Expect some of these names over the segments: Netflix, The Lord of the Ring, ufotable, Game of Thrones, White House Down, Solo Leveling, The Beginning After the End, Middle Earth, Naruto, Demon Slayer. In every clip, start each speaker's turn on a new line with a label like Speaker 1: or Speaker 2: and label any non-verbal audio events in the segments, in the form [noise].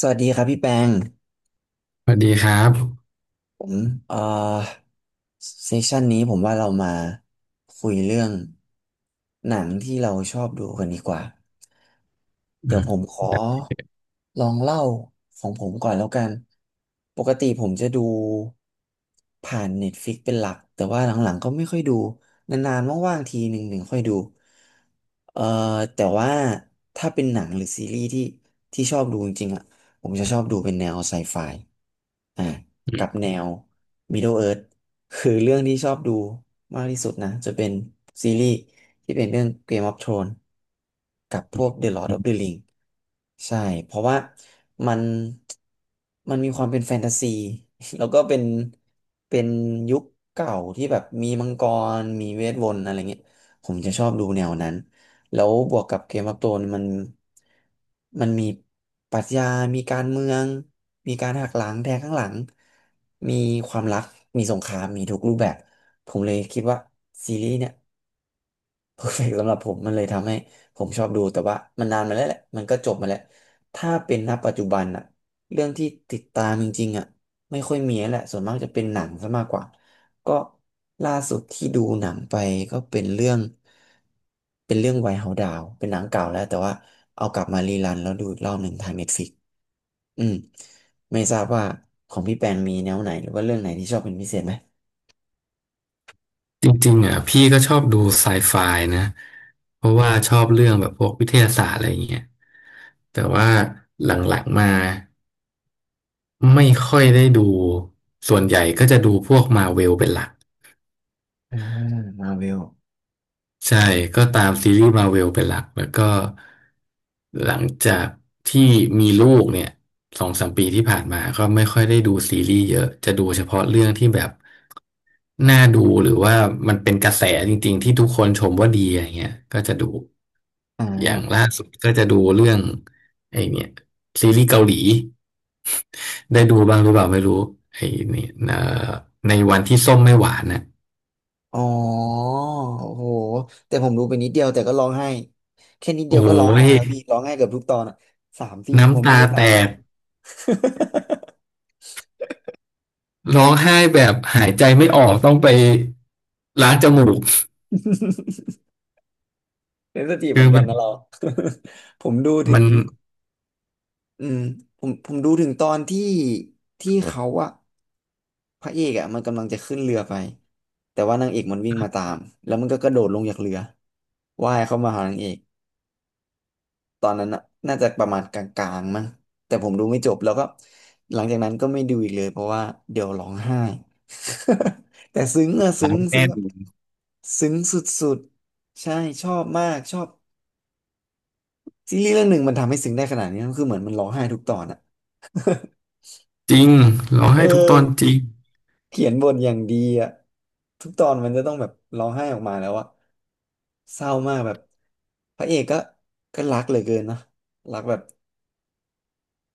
Speaker 1: สวัสดีครับพี่แปง
Speaker 2: สวัสดีครับ
Speaker 1: ผมเอ่อเซสชันนี้ผมว่าเรามาคุยเรื่องหนังที่เราชอบดูกันดีกว่า
Speaker 2: อื
Speaker 1: เดี๋ยว
Speaker 2: ม
Speaker 1: ผมขอลองเล่าของผมก่อนแล้วกันปกติผมจะดูผ่าน Netflix เป็นหลัก แต่ว่าหลังๆก็ไม่ค่อยดูนานๆว่างๆทีหนึ่งค่อยดูเอ่อแต่ว่าถ้าเป็นหนังหรือซีรีส์ที่ชอบดูจริงๆอ่ะผมจะชอบดูเป็นแนวไซไฟอ่า กับแนว Middle Earth คือเรื่องที่ชอบดูมากที่สุดนะจะเป็นซีรีส์ที่เป็นเรื่อง Game of Thrones กับพวก The Lord of the Ring ใช่เพราะว่ามันมันมีความเป็นแฟนตาซี [laughs] แล้วก็เป็นเป็นยุคเก่าที่แบบมีมังกรมีเวทมนต์อะไรเงี้ยผมจะชอบดูแนวนั้น แล้วบวกกับเกมออฟโธนมันมีปรัชญามีการเมืองมีการหักหลังแทงข้างหลังมีความรักมีสงครามมีทุกรูปแบบผมเลยคิดว่าซีรีส์เนี่ย เพอร์เฟกต์สำหรับผมมันเลยทำให้ผมชอบดูแต่ว่ามันนานมาแล้วแหละมันก็จบมาแล้วถ้าเป็นณปัจจุบันอะเรื่องที่ติดตามจริงๆอะไม่ค่อยมีแล้วแหละส่วนมากจะเป็นหนังซะมากกว่าก็ล่าสุดที่ดูหนังไปก็เป็นเรื่องเป็นเรื่องไวท์เฮาส์ดาวเป็นหนังเก่าแล้วแต่ว่าเอากลับมารีรันแล้วดูอีกรอบหนึ่งทางเน็ตฟลิกอืมไม่ทราบว่าของพี่แปนมีแนวไหนหรือว่าเรื่องไหนที่ชอบเป็นพิเศษไหม
Speaker 2: จริงๆอ่ะพี่ก็ชอบดูไซไฟนะเพราะว่าชอบเรื่องแบบพวกวิทยาศาสตร์อะไรอย่างเงี้ยแต่ว่าหลังๆมาไม่ค่อยได้ดูส่วนใหญ่ก็จะดูพวกมาเวลเป็นหลัก
Speaker 1: อ่ามาเวล
Speaker 2: ใช่ก็ตามซีรีส์มาเวลเป็นหลักแล้วก็หลังจากที่มีลูกเนี่ยสองสามปีที่ผ่านมาก็ไม่ค่อยได้ดูซีรีส์เยอะจะดูเฉพาะเรื่องที่แบบ น่าดูหรือว่ามันเป็นกระแสจริงๆที่ทุกคนชมว่าดีอะไรเงี้ยก็จะดู
Speaker 1: อ่
Speaker 2: อย่าง
Speaker 1: า
Speaker 2: ล่าสุดก็จะดูเรื่องไอ้เนี่ยซีรีส์เกาหลีได้ดูบ้างหรือเปล่าไม่รู้ไอ้เนี่ยอในวันที่ส้มไม่หวานน่ะ
Speaker 1: อ๋อโอ้โหแต่ผมดูไปนิดเดียวแต่ก็ร้องไห้แค่นิดเดี
Speaker 2: โอ้
Speaker 1: ยวก็ร้องไห้
Speaker 2: ย
Speaker 1: แล้วพี่ร้องไห้เกือบทุกตอนอ่ะสามสี่ผม
Speaker 2: น้ำ
Speaker 1: ดู
Speaker 2: ตา
Speaker 1: ไปสา
Speaker 2: แต
Speaker 1: มตอ
Speaker 2: ก
Speaker 1: น [laughs]
Speaker 2: ร้องไห้แบบหายใจไม่ออกต้องไปล้างจมูก
Speaker 1: เซนสทีฟเห
Speaker 2: คือ
Speaker 1: มือนกั
Speaker 2: แบ
Speaker 1: น
Speaker 2: บ
Speaker 1: นะเรา [laughs] ผมดูถึ
Speaker 2: มั
Speaker 1: ง
Speaker 2: น
Speaker 1: อืมผมดูถึงตอนที่เขาอะพระเอกอะมันกำลังจะขึ้นเรือไปแต่ว่านางเอกมันวิ่งมาตามแล้วมันก็กระโดดลงจากเรือว่ายเข้ามาหานางเอก ตอนนั้นน่ะน่าจะประมาณกลางๆมั้งแต่ผมดูไม่จบแล้วก็หลังจากนั้นก็ไม่ดูอีกเลย เพราะว่าเดี๋ยวร้องไห้ [laughs] แต่ซึ้งอะ
Speaker 2: ร้
Speaker 1: ซึ้
Speaker 2: อ
Speaker 1: ง
Speaker 2: งแน่น
Speaker 1: แบบซึ้งสุดๆใช่ชอบมากชอบซีรีส์เรื่องหนึ่งมันทำให้ซึ้งได้ขนาดนี้คือเหมือนมันร้องไห้ทุกตอนอะ
Speaker 2: จริงร้อง
Speaker 1: เออ
Speaker 2: ไห้ทุกตอนจริง
Speaker 1: เขียนบทอย่างดีอะทุกตอนมันจะต้องแบบร้องไห้ออกมาแล้วอะเศร้ามากแบบพระเอกก็รักเหลือเกินนะรักแบบ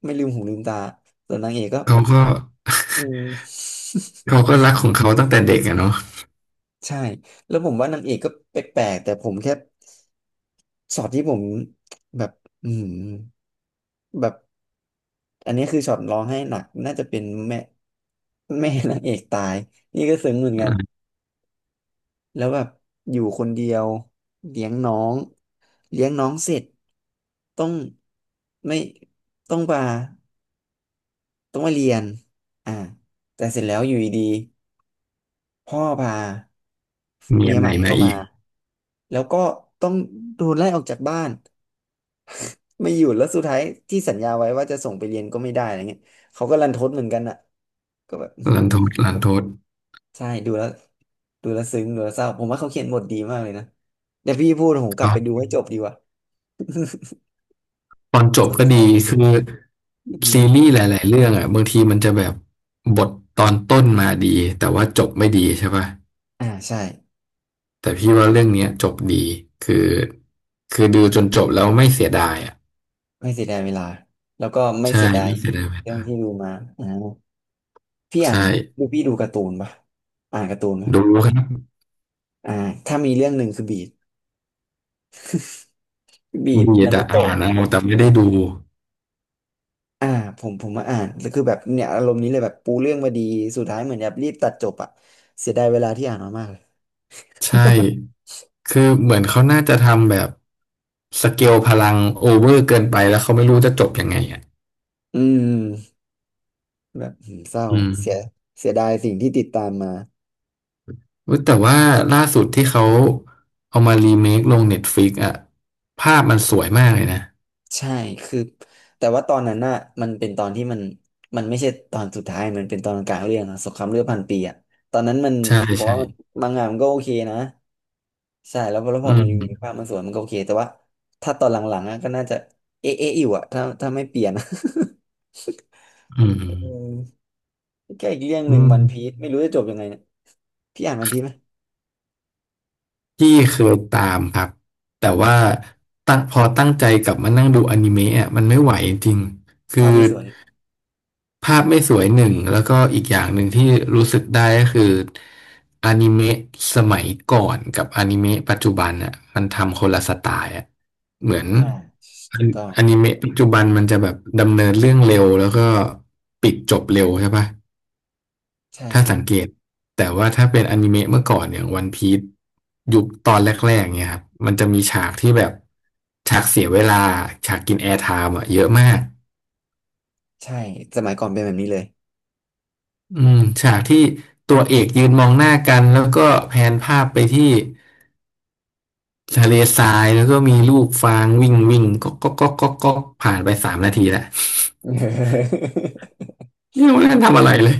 Speaker 1: ไม่ลืมหูลืมตาส่วนนางเอกก็
Speaker 2: เขาก็
Speaker 1: อืม
Speaker 2: เขาก็รักของเขาตั้งแต่เด็กอะเนาะ
Speaker 1: [laughs] ใช่แล้วผมว่านางเอกก็แปลกๆแต่ผมแค่ช็อตที่ผมแบบอืมแบบอันนี้คือช็อตร้องไห้หนักน่าจะเป็นแม่แม่นางเอกตายนี่ก็ซึ้งเหมือนกันแล้วแบบอยู่คนเดียวเลี้ยงน้องเลี้ยงน้องเสร็จต้องไม่ต้องมาต้องมาเรียนอ่าแต่เสร็จแล้วอยู่ดีๆพ่อพา
Speaker 2: เมี
Speaker 1: เมี
Speaker 2: ย
Speaker 1: ยอ
Speaker 2: ให
Speaker 1: ให
Speaker 2: ม่
Speaker 1: ม่
Speaker 2: มา
Speaker 1: เข้า
Speaker 2: อี
Speaker 1: มา
Speaker 2: ก
Speaker 1: แล้วก็ต้องโดนไล่ออกจากบ้านไม่อยู่แล้วสุดท้ายที่สัญญาไว้ว่าจะส่งไปเรียนก็ไม่ได้อะไรเงี้ยเขาก็รันทดเหมือนกันอ่ะก็แบบอื้อหื
Speaker 2: ลั
Speaker 1: ม
Speaker 2: นทดลันทด
Speaker 1: ใช่ดูแล้วดูแล้วซึ้งดูแล้วเศร้าผมว่าเขาเขียนบทดีมากเลยนะเดี๋ยวพี่พูดผมกลับ
Speaker 2: ก็
Speaker 1: ไปดูให้จบดีกว่า
Speaker 2: ตอนจ
Speaker 1: [laughs] ส
Speaker 2: บ
Speaker 1: น
Speaker 2: ก็
Speaker 1: ใจ
Speaker 2: ดีคือ
Speaker 1: อื
Speaker 2: ซีรีส์ห
Speaker 1: ม
Speaker 2: ลายๆเรื่องอ่ะบางทีมันจะแบบบทตอนต้นมาดีแต่ว่าจบไม่ดีใช่ป่ะ
Speaker 1: อ่าใช่
Speaker 2: แต่พี่ว่าเรื่องเนี้ยจบดีคือคือดูจนจบแล้วไม่เสียดายอ่ะ
Speaker 1: ไม่เสียดายเวลาแล้วก็ไม่
Speaker 2: ใช่
Speaker 1: เสียดาย
Speaker 2: ไม่เสียดายเว
Speaker 1: เรื่อ
Speaker 2: ลา
Speaker 1: งที่ดูมาอ่าพี่อ่าน
Speaker 2: ใช่
Speaker 1: ดูพี่ดูการ์ตูนปะอ่านการ์ตูนไหม
Speaker 2: ดูครับ
Speaker 1: อ่าถ้ามีเรื่องหนึ่งคือบีด
Speaker 2: มี
Speaker 1: นา
Speaker 2: แต่
Speaker 1: รู
Speaker 2: อ่า
Speaker 1: โตะ
Speaker 2: นเอาแต่ไม่ได้ดู
Speaker 1: อ่าผมมาอ่านแล้วคือแบบเนี่ยอารมณ์นี้เลยแบบปูเรื่องมาดีสุดท้ายเหมือนแบบรีบตัดจบอะเสียดายเวลาที่อ่านมามากเลย
Speaker 2: ใช่คือเหมือนเขาน่าจะทำแบบสเกลพลังโอเวอร์เกินไปแล้วเขาไม่รู้จะจบยังไงอ่ะ
Speaker 1: อืมแบบอืมเศร้า
Speaker 2: อืม
Speaker 1: เสียเสียดายสิ่งที่ติดตามมา
Speaker 2: เว้ยแต่ว่าล่าสุดที่เขาเอามารีเมคลงเน็ตฟลิกอะภาพมันสวยมากเลยนะ
Speaker 1: ใช่คือแต่ว่าตอนนั้นน่ะมันเป็นตอนที่มันไม่ใช่ตอนสุดท้ายมันเป็นตอนกลางเรื่องอะสงครามเลือดพันปีอะตอนนั้นมัน
Speaker 2: ใช่
Speaker 1: ผม
Speaker 2: ใช่
Speaker 1: ว่ามันมังงะมันก็โอเคนะใช่แล้วพอแล้วพ
Speaker 2: อื
Speaker 1: อมันมีภา
Speaker 2: ม
Speaker 1: พมันสวยมันก็โอเคแต่ว่าถ้าตอนหลังๆอะก็น่าจะเอ๊ะอยู่อะถ้าไม่เปลี่ยนอะ [laughs]
Speaker 2: อืม
Speaker 1: เออ แก้อีกเรื่องห
Speaker 2: อื
Speaker 1: นึ่ง
Speaker 2: ม
Speaker 1: วันพีซไม่รู้จะจบยังไงเนี่ยพี่อ่านวันพีซไหม
Speaker 2: พี่เคยตามครับแต่ว่าพอตั้งใจกลับมานั่งดูอนิเมะอะมันไม่ไหวจริงๆคือ
Speaker 1: ภาพไม่สวย
Speaker 2: ภาพไม่สวยหนึ่งแล้วก็อีกอย่างหนึ่งที่รู้สึกได้ก็คืออนิเมะสมัยก่อนกับอนิเมะปัจจุบันอ่ะมันทำคนละสไตล์อ่ะเหมือน
Speaker 1: อ่าถูกต้อง
Speaker 2: อนิเมะปัจจุบันมันจะแบบดำเนินเรื่องเร็วแล้วก็ปิดจบเร็วใช่ปะ
Speaker 1: ใช่
Speaker 2: ถ้า
Speaker 1: ครับ
Speaker 2: สังเกตแต่ว่าถ้าเป็นอนิเมะเมื่อก่อนอย่างวันพีซยุคตอนแรกๆเนี่ยครับมันจะมีฉากที่แบบฉากเสียเวลาฉากกินแอร์ไทม์อ่ะเยอะมาก
Speaker 1: ใช่สมัยก่อนเป็นแบบนี้เลย
Speaker 2: อืมฉากที่ตัวเอกยืนมองหน้ากันแล้วก็แผนภาพไปที่ทะเลทรายแล้วก็มีลูกฟางวิ่งวิ่งก็ผ่านไปสามนาทีแล้ว
Speaker 1: [laughs]
Speaker 2: ไม่รู้นั่นทำอะไรเลย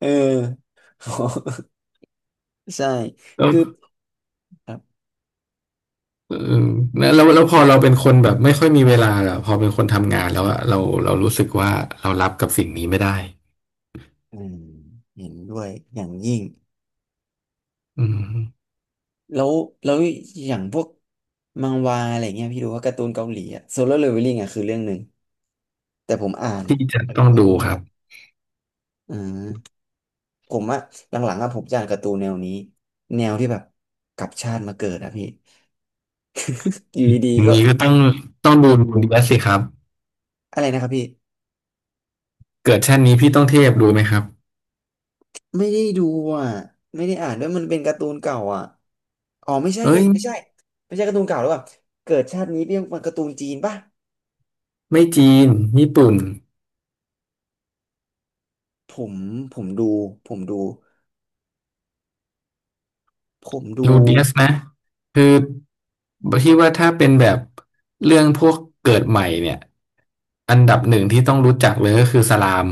Speaker 1: เออ [laughs] ใช่
Speaker 2: แล้ว
Speaker 1: คือครับ
Speaker 2: เออแล้วพอเราเป็นคนแบบไม่ค่อยมีเวลาอะพอเป็นคนทำงานแล้วอะเรารู้สึกว่าเรารับกับสิ่งนี้ไม่ได้
Speaker 1: อืมเห็นด้วยอย่างยิ่ง
Speaker 2: อืม
Speaker 1: แล้วแล้วอย่างพวกมังวาอะไรเงี้ยพี่ดูว่าการ์ตูนเกาหลีอะโซโล่เลเวลลิ่งอะคือเรื่องหนึ่งแต่ผมอ่าน
Speaker 2: ที่
Speaker 1: ผม
Speaker 2: จะ
Speaker 1: จะ
Speaker 2: ต้
Speaker 1: ไม่
Speaker 2: อง
Speaker 1: ค่อย
Speaker 2: ดู
Speaker 1: ดูเท่า
Speaker 2: ค
Speaker 1: ไห
Speaker 2: รั
Speaker 1: ร่
Speaker 2: บ
Speaker 1: อ่า ผมว่าหลังๆอะผมจะอ่านการ์ตูนแนวนี้แนวที่แบบกลับชาติมาเกิดอะพี่อยู่ดี
Speaker 2: อ
Speaker 1: ๆ
Speaker 2: ย่า
Speaker 1: ก็
Speaker 2: งนี้ก็ต้องต้องดูดีแลสิครับ
Speaker 1: อะไรนะครับพี่
Speaker 2: เกิดชาตินี้พี่ต้องเทพดูไหมครับ
Speaker 1: ไม่ได้ดูอะไม่ได้อ่านด้วยมันเป็นการ์ตูนเก่าอะอ๋อไม่ใช่แค่
Speaker 2: เอ้ย
Speaker 1: ไม่ใช่ไม่ใช่การ์ตูนเก่าหรือเปล่าเกิดชาตินี้เป็นการ์ตูนจีนป่ะ
Speaker 2: ไม่จีนญี่ปุ่น
Speaker 1: ผมผมดูผมดูผมดู
Speaker 2: ลูเดียสนะคือพี่ว่าถ้าเป็นแบบเรื่องพวกเกิดใหม่เนี่ยอันดับหนึ่งที่ต้องรู้จักเลยก็คือสลาม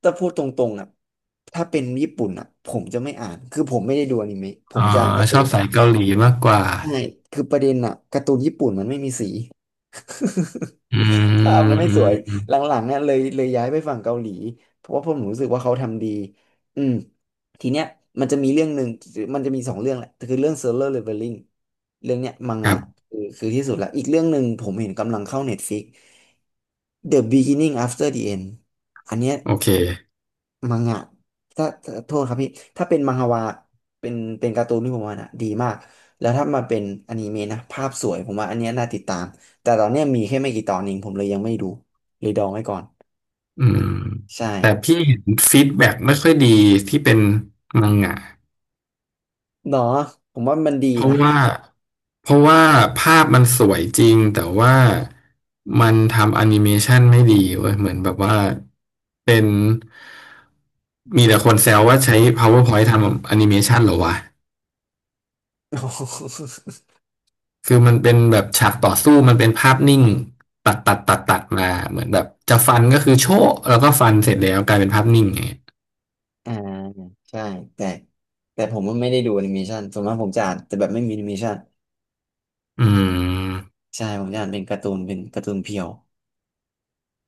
Speaker 1: แตพูดตรงๆอะถ้าเป็นญี่ปุ่นอะผมจะไม่อ่านคือผมไม่ได้ดูอนิเมะผมจะอ่านกา
Speaker 2: อ่า
Speaker 1: ร์
Speaker 2: ช
Speaker 1: ตู
Speaker 2: อบ
Speaker 1: น
Speaker 2: สายเกาหลีมากกว่า
Speaker 1: ใช่คือประเด็นอะการ์ตูนญี่ปุ่นมันไม่มีสี [laughs]
Speaker 2: อื
Speaker 1: ภาพ
Speaker 2: ม
Speaker 1: นั้นไม่
Speaker 2: อื
Speaker 1: ส
Speaker 2: ม
Speaker 1: วย
Speaker 2: อืม
Speaker 1: หลังๆเนี่ยเลยย้ายไปฝั่งเกาหลีเพราะว่าผมรู้สึกว่าเขาทำดีอืมทีเนี้ยมันจะมีเรื่องหนึ่งมันจะมีสองเรื่องแหละคือเรื่อง Solo Leveling เรื่องเนี้ยมัง
Speaker 2: ค
Speaker 1: งะ
Speaker 2: รับ
Speaker 1: คือที่สุดละอีกเรื่องหนึ่งผมเห็นกำลังเข้า Netflix The Beginning After the End อันเนี้ย
Speaker 2: โอเค
Speaker 1: มังงะถ้าโทษครับพี่ ถ้าเป็นมังฮวาเป็นเป็นการ์ตูนที่ผมว่านะดีมาก แล้วถ้ามาเป็นอนิเมะนะภาพสวย ผมว่าอันเนี้ยน่าติดตาม แต่ตอนเนี้ยมีแค่ไม่กี่ตอนเองผมเลยยังไม่ดูเลยดองไว้ก่อน
Speaker 2: อืม
Speaker 1: ใช่
Speaker 2: แต่พี่เห็นฟีดแบ็กไม่ค่อยดีที่เป็นมังงะ
Speaker 1: เนาะผมว่ามันดี
Speaker 2: เพราะ
Speaker 1: นะ
Speaker 2: ว่าเพราะว่าภาพมันสวยจริงแต่ว่ามันทำแอนิเมชันไม่ดีเว้ยเหมือนแบบว่าเป็นมีแต่คนแซวว่าใช้ PowerPoint ทำแอนิเมชันเหรอวะ
Speaker 1: [laughs]
Speaker 2: คือมันเป็นแบบฉากต่อสู้มันเป็นภาพนิ่งตัดมาเหมือนแบบจะฟันก็คือโชะแล้วก็ฟันเสร็จแล้วกลายเป็นภาพนิ่งไงย
Speaker 1: อ่าใช่ แต่ แต่ผมว่าไม่ได้ดูแอนิเมชันส่วนมากผมจะอ่านแต่แบบไม่มีแอนิเมชัน
Speaker 2: อืม
Speaker 1: ใช่ ผมจะอ่านเป็นการ์ตูนเพียว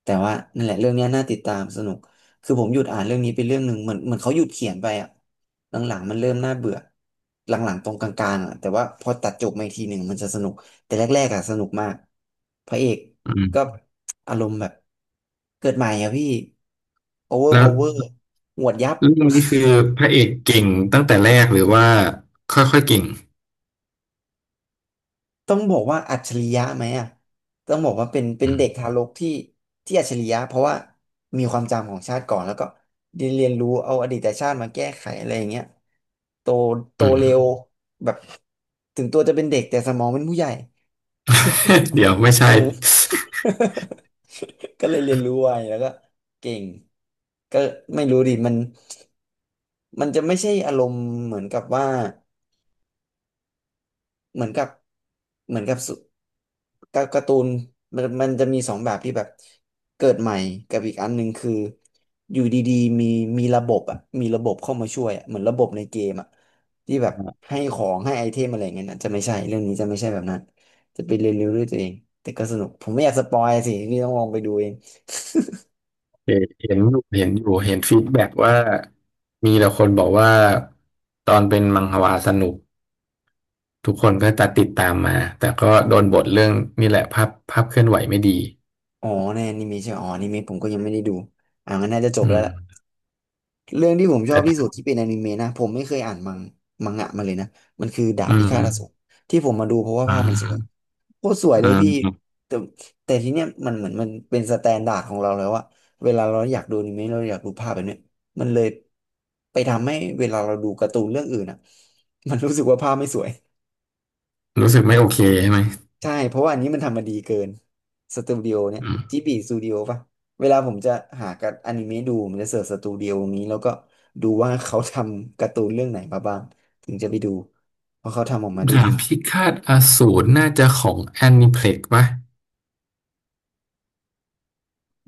Speaker 1: แต่ว่านั่นแหละเรื่องเนี้ยน่าติดตามสนุกคือผมหยุดอ่านเรื่องนี้ไปเรื่องหนึ่งเหมือนเขาหยุดเขียนไปอ่ะหลังๆมันเริ่มน่าเบื่อหลังๆตรงกลางๆอ่ะแต่ว่าพอตัดจบมาอีกทีหนึ่งมันจะสนุกแต่แรกๆอ่ะสนุกมากพระเอก
Speaker 2: อืม
Speaker 1: ก็อารมณ์แบบเกิดใหม่อ่ะพี่โอเวอร์
Speaker 2: แล้
Speaker 1: พา
Speaker 2: ว
Speaker 1: วเวอร์หวดยับ
Speaker 2: เรื่องนี้คือพระเอกเก่งตั้งแต่แรกหรือว่าค่อยๆเก่ง
Speaker 1: ต้องบอกว่าอัจฉริยะไหมอ่ะต้องบอกว่าเป็น
Speaker 2: อืม
Speaker 1: เด็กทารกที่อัจฉริยะเพราะว่ามีความจำของชาติก่อนแล้วก็เรียนรู้เอาอดีตชาติมาแก้ไขอะไรอย่างเงี้ยโต
Speaker 2: อืม
Speaker 1: เร็วแบบถึงตัวจะเป็นเด็กแต่สมองเป็นผู้ใหญ่ [laughs]
Speaker 2: [laughs] เดี๋ยวไม่
Speaker 1: เอ
Speaker 2: ใช่
Speaker 1: อ [laughs] ก็เลยเรียนรู้ไวแล้วก็เก่งก็ไม่รู้ดิมันจะไม่ใช่อารมณ์เหมือนกับว่า เหมือนกับเหมือนกับสุการการ์ตูนมันจะมีสองแบบที่แบบเกิดใหม่กับอีกอันหนึ่งคืออยู่ดีๆมีระบบอ่ะมีระบบเข้ามาช่วยอะเหมือนระบบในเกมอ่ะที่แบบให้ของให้ไอเทมอะไรอย่างเงี้ยนะจะไม่ใช่เรื่องนี้จะไม่ใช่แบบนั้นจะไปเรียนรู้ด้วยตัวเองแต่ก็สนุกผมไม่อยากสปอยสิพี่ต้องลองไปดูเอง
Speaker 2: เห็นเห็นอยู่เห็นฟีดแบ็กว่ามีแต่คนบอกว่าตอนเป็นมังฮวาสนุกทุกคนก็จะติดตามมาแต่ก็โดนบทเรื่องนี่แหละภาพภาพเคลื่อนไหวไม่ดี
Speaker 1: อ๋อในอนิเมะใช่ไหมอ๋ออนิเมะผมก็ยังไม่ได้ดูอ่างั้นน่าจะจบ
Speaker 2: อื
Speaker 1: แล้
Speaker 2: ม
Speaker 1: วล่ะ เรื่องที่ผมชอบที่สุ
Speaker 2: แต่
Speaker 1: ดที่เป็นอนิเมะนะผมไม่เคยอ่านมังงะมาเลยนะมันคือดาบ
Speaker 2: อื
Speaker 1: พิฆา
Speaker 2: ม
Speaker 1: ตอสูรที่ผมมาดูเพราะว่า
Speaker 2: อื
Speaker 1: ภาพมันสวย
Speaker 2: ม
Speaker 1: โคตรสวย
Speaker 2: อ
Speaker 1: เลยพี่
Speaker 2: ม
Speaker 1: แต่ทีเนี้ยมันเหมือนมันเป็นสแตนดาร์ดของเราแล้วอะเวลาเราอยากดูอนิเมะเราอยากดูภาพแบบเนี้ยมันเลยไปทำให้เวลาเราดูการ์ตูนเรื่องอื่นอะมันรู้สึกว่าภาพไม่สวย
Speaker 2: รู้สึกไม่โอเคใช่ไหม
Speaker 1: ใช่เพราะว่าอันนี้มันทำมาดีเกินสตูดิโอเนี่ย
Speaker 2: อื
Speaker 1: จิ
Speaker 2: ม
Speaker 1: บีสตูดิโอป่ะเวลาผมจะหากับอนิเมะดูผมจะเสิร์ชสตูดิโอนี้แล้วก็ดูว่าเขาทำการ์ตูนเรื่องไหนมาบ้างถึงจะไปดูเพราะเขาทำออกมาได้
Speaker 2: ดา
Speaker 1: ดี
Speaker 2: บพิฆาตอสูรน่าจะของแอนิเพล็กปะ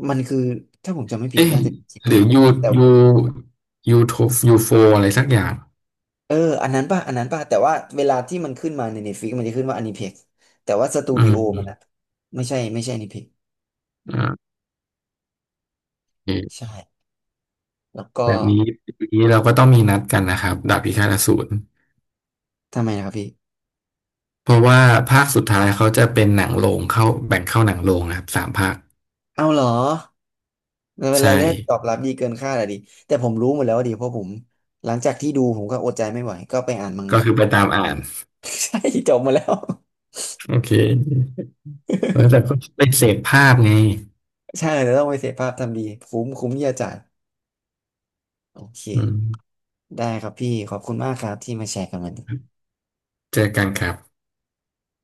Speaker 1: มันคือถ้าผมจำไม่ผิด
Speaker 2: เอ๊ะ
Speaker 1: น่าจะเป็นจิ
Speaker 2: ห
Speaker 1: บี
Speaker 2: รือ
Speaker 1: นะ
Speaker 2: ยู
Speaker 1: แต่ว่า
Speaker 2: ยูยูโทยูโฟอะไรสักอย่าง
Speaker 1: เอออันนั้นป่ะแต่ว่าเวลาที่มันขึ้นมาใน Netflix มันจะขึ้นว่าอนิเพ็กแต่ว่าสตู
Speaker 2: อื
Speaker 1: ดิ
Speaker 2: ม
Speaker 1: โอนะไม่ใช่อนิเพ็ก
Speaker 2: อ่าโอเค
Speaker 1: ใช่แล้วก็
Speaker 2: แบบนี้ปีนี้เราก็ต้องมีนัดกันนะครับดาบพิฆาตอสูร
Speaker 1: ทำไมนะครับพี่
Speaker 2: เพราะว่าภาคสุดท้ายเขาจะเป็นหนังโรงเข้าแบ่งเข้าหนังโรงนะครับสามภาค
Speaker 1: เอาเหรอมันเป็นอะ
Speaker 2: ใช่
Speaker 1: ไรายได้ตอบรับดีเกินคาดอะดิแต่ผมรู้หมดแล้วอะดิเพราะผมหลังจากที่ดูผมก็อดใจไม่ไหวก็ไปอ่านมัง
Speaker 2: ก็
Speaker 1: งะ
Speaker 2: คือไปตามอ่าน
Speaker 1: [laughs] ใช่จบมาแล้ว
Speaker 2: โอเคแล้วแต่ก็ไปเสพภาพไง
Speaker 1: ใช่เดี๋ยวต้องไปเสพภาพทำดีคุ้มคุ้มที่จะจ่ายโอเค
Speaker 2: อืม
Speaker 1: ได้ครับพี่ขอบคุณมากครับที่มาแชร์กันวันนี้
Speaker 2: เจอกันครับ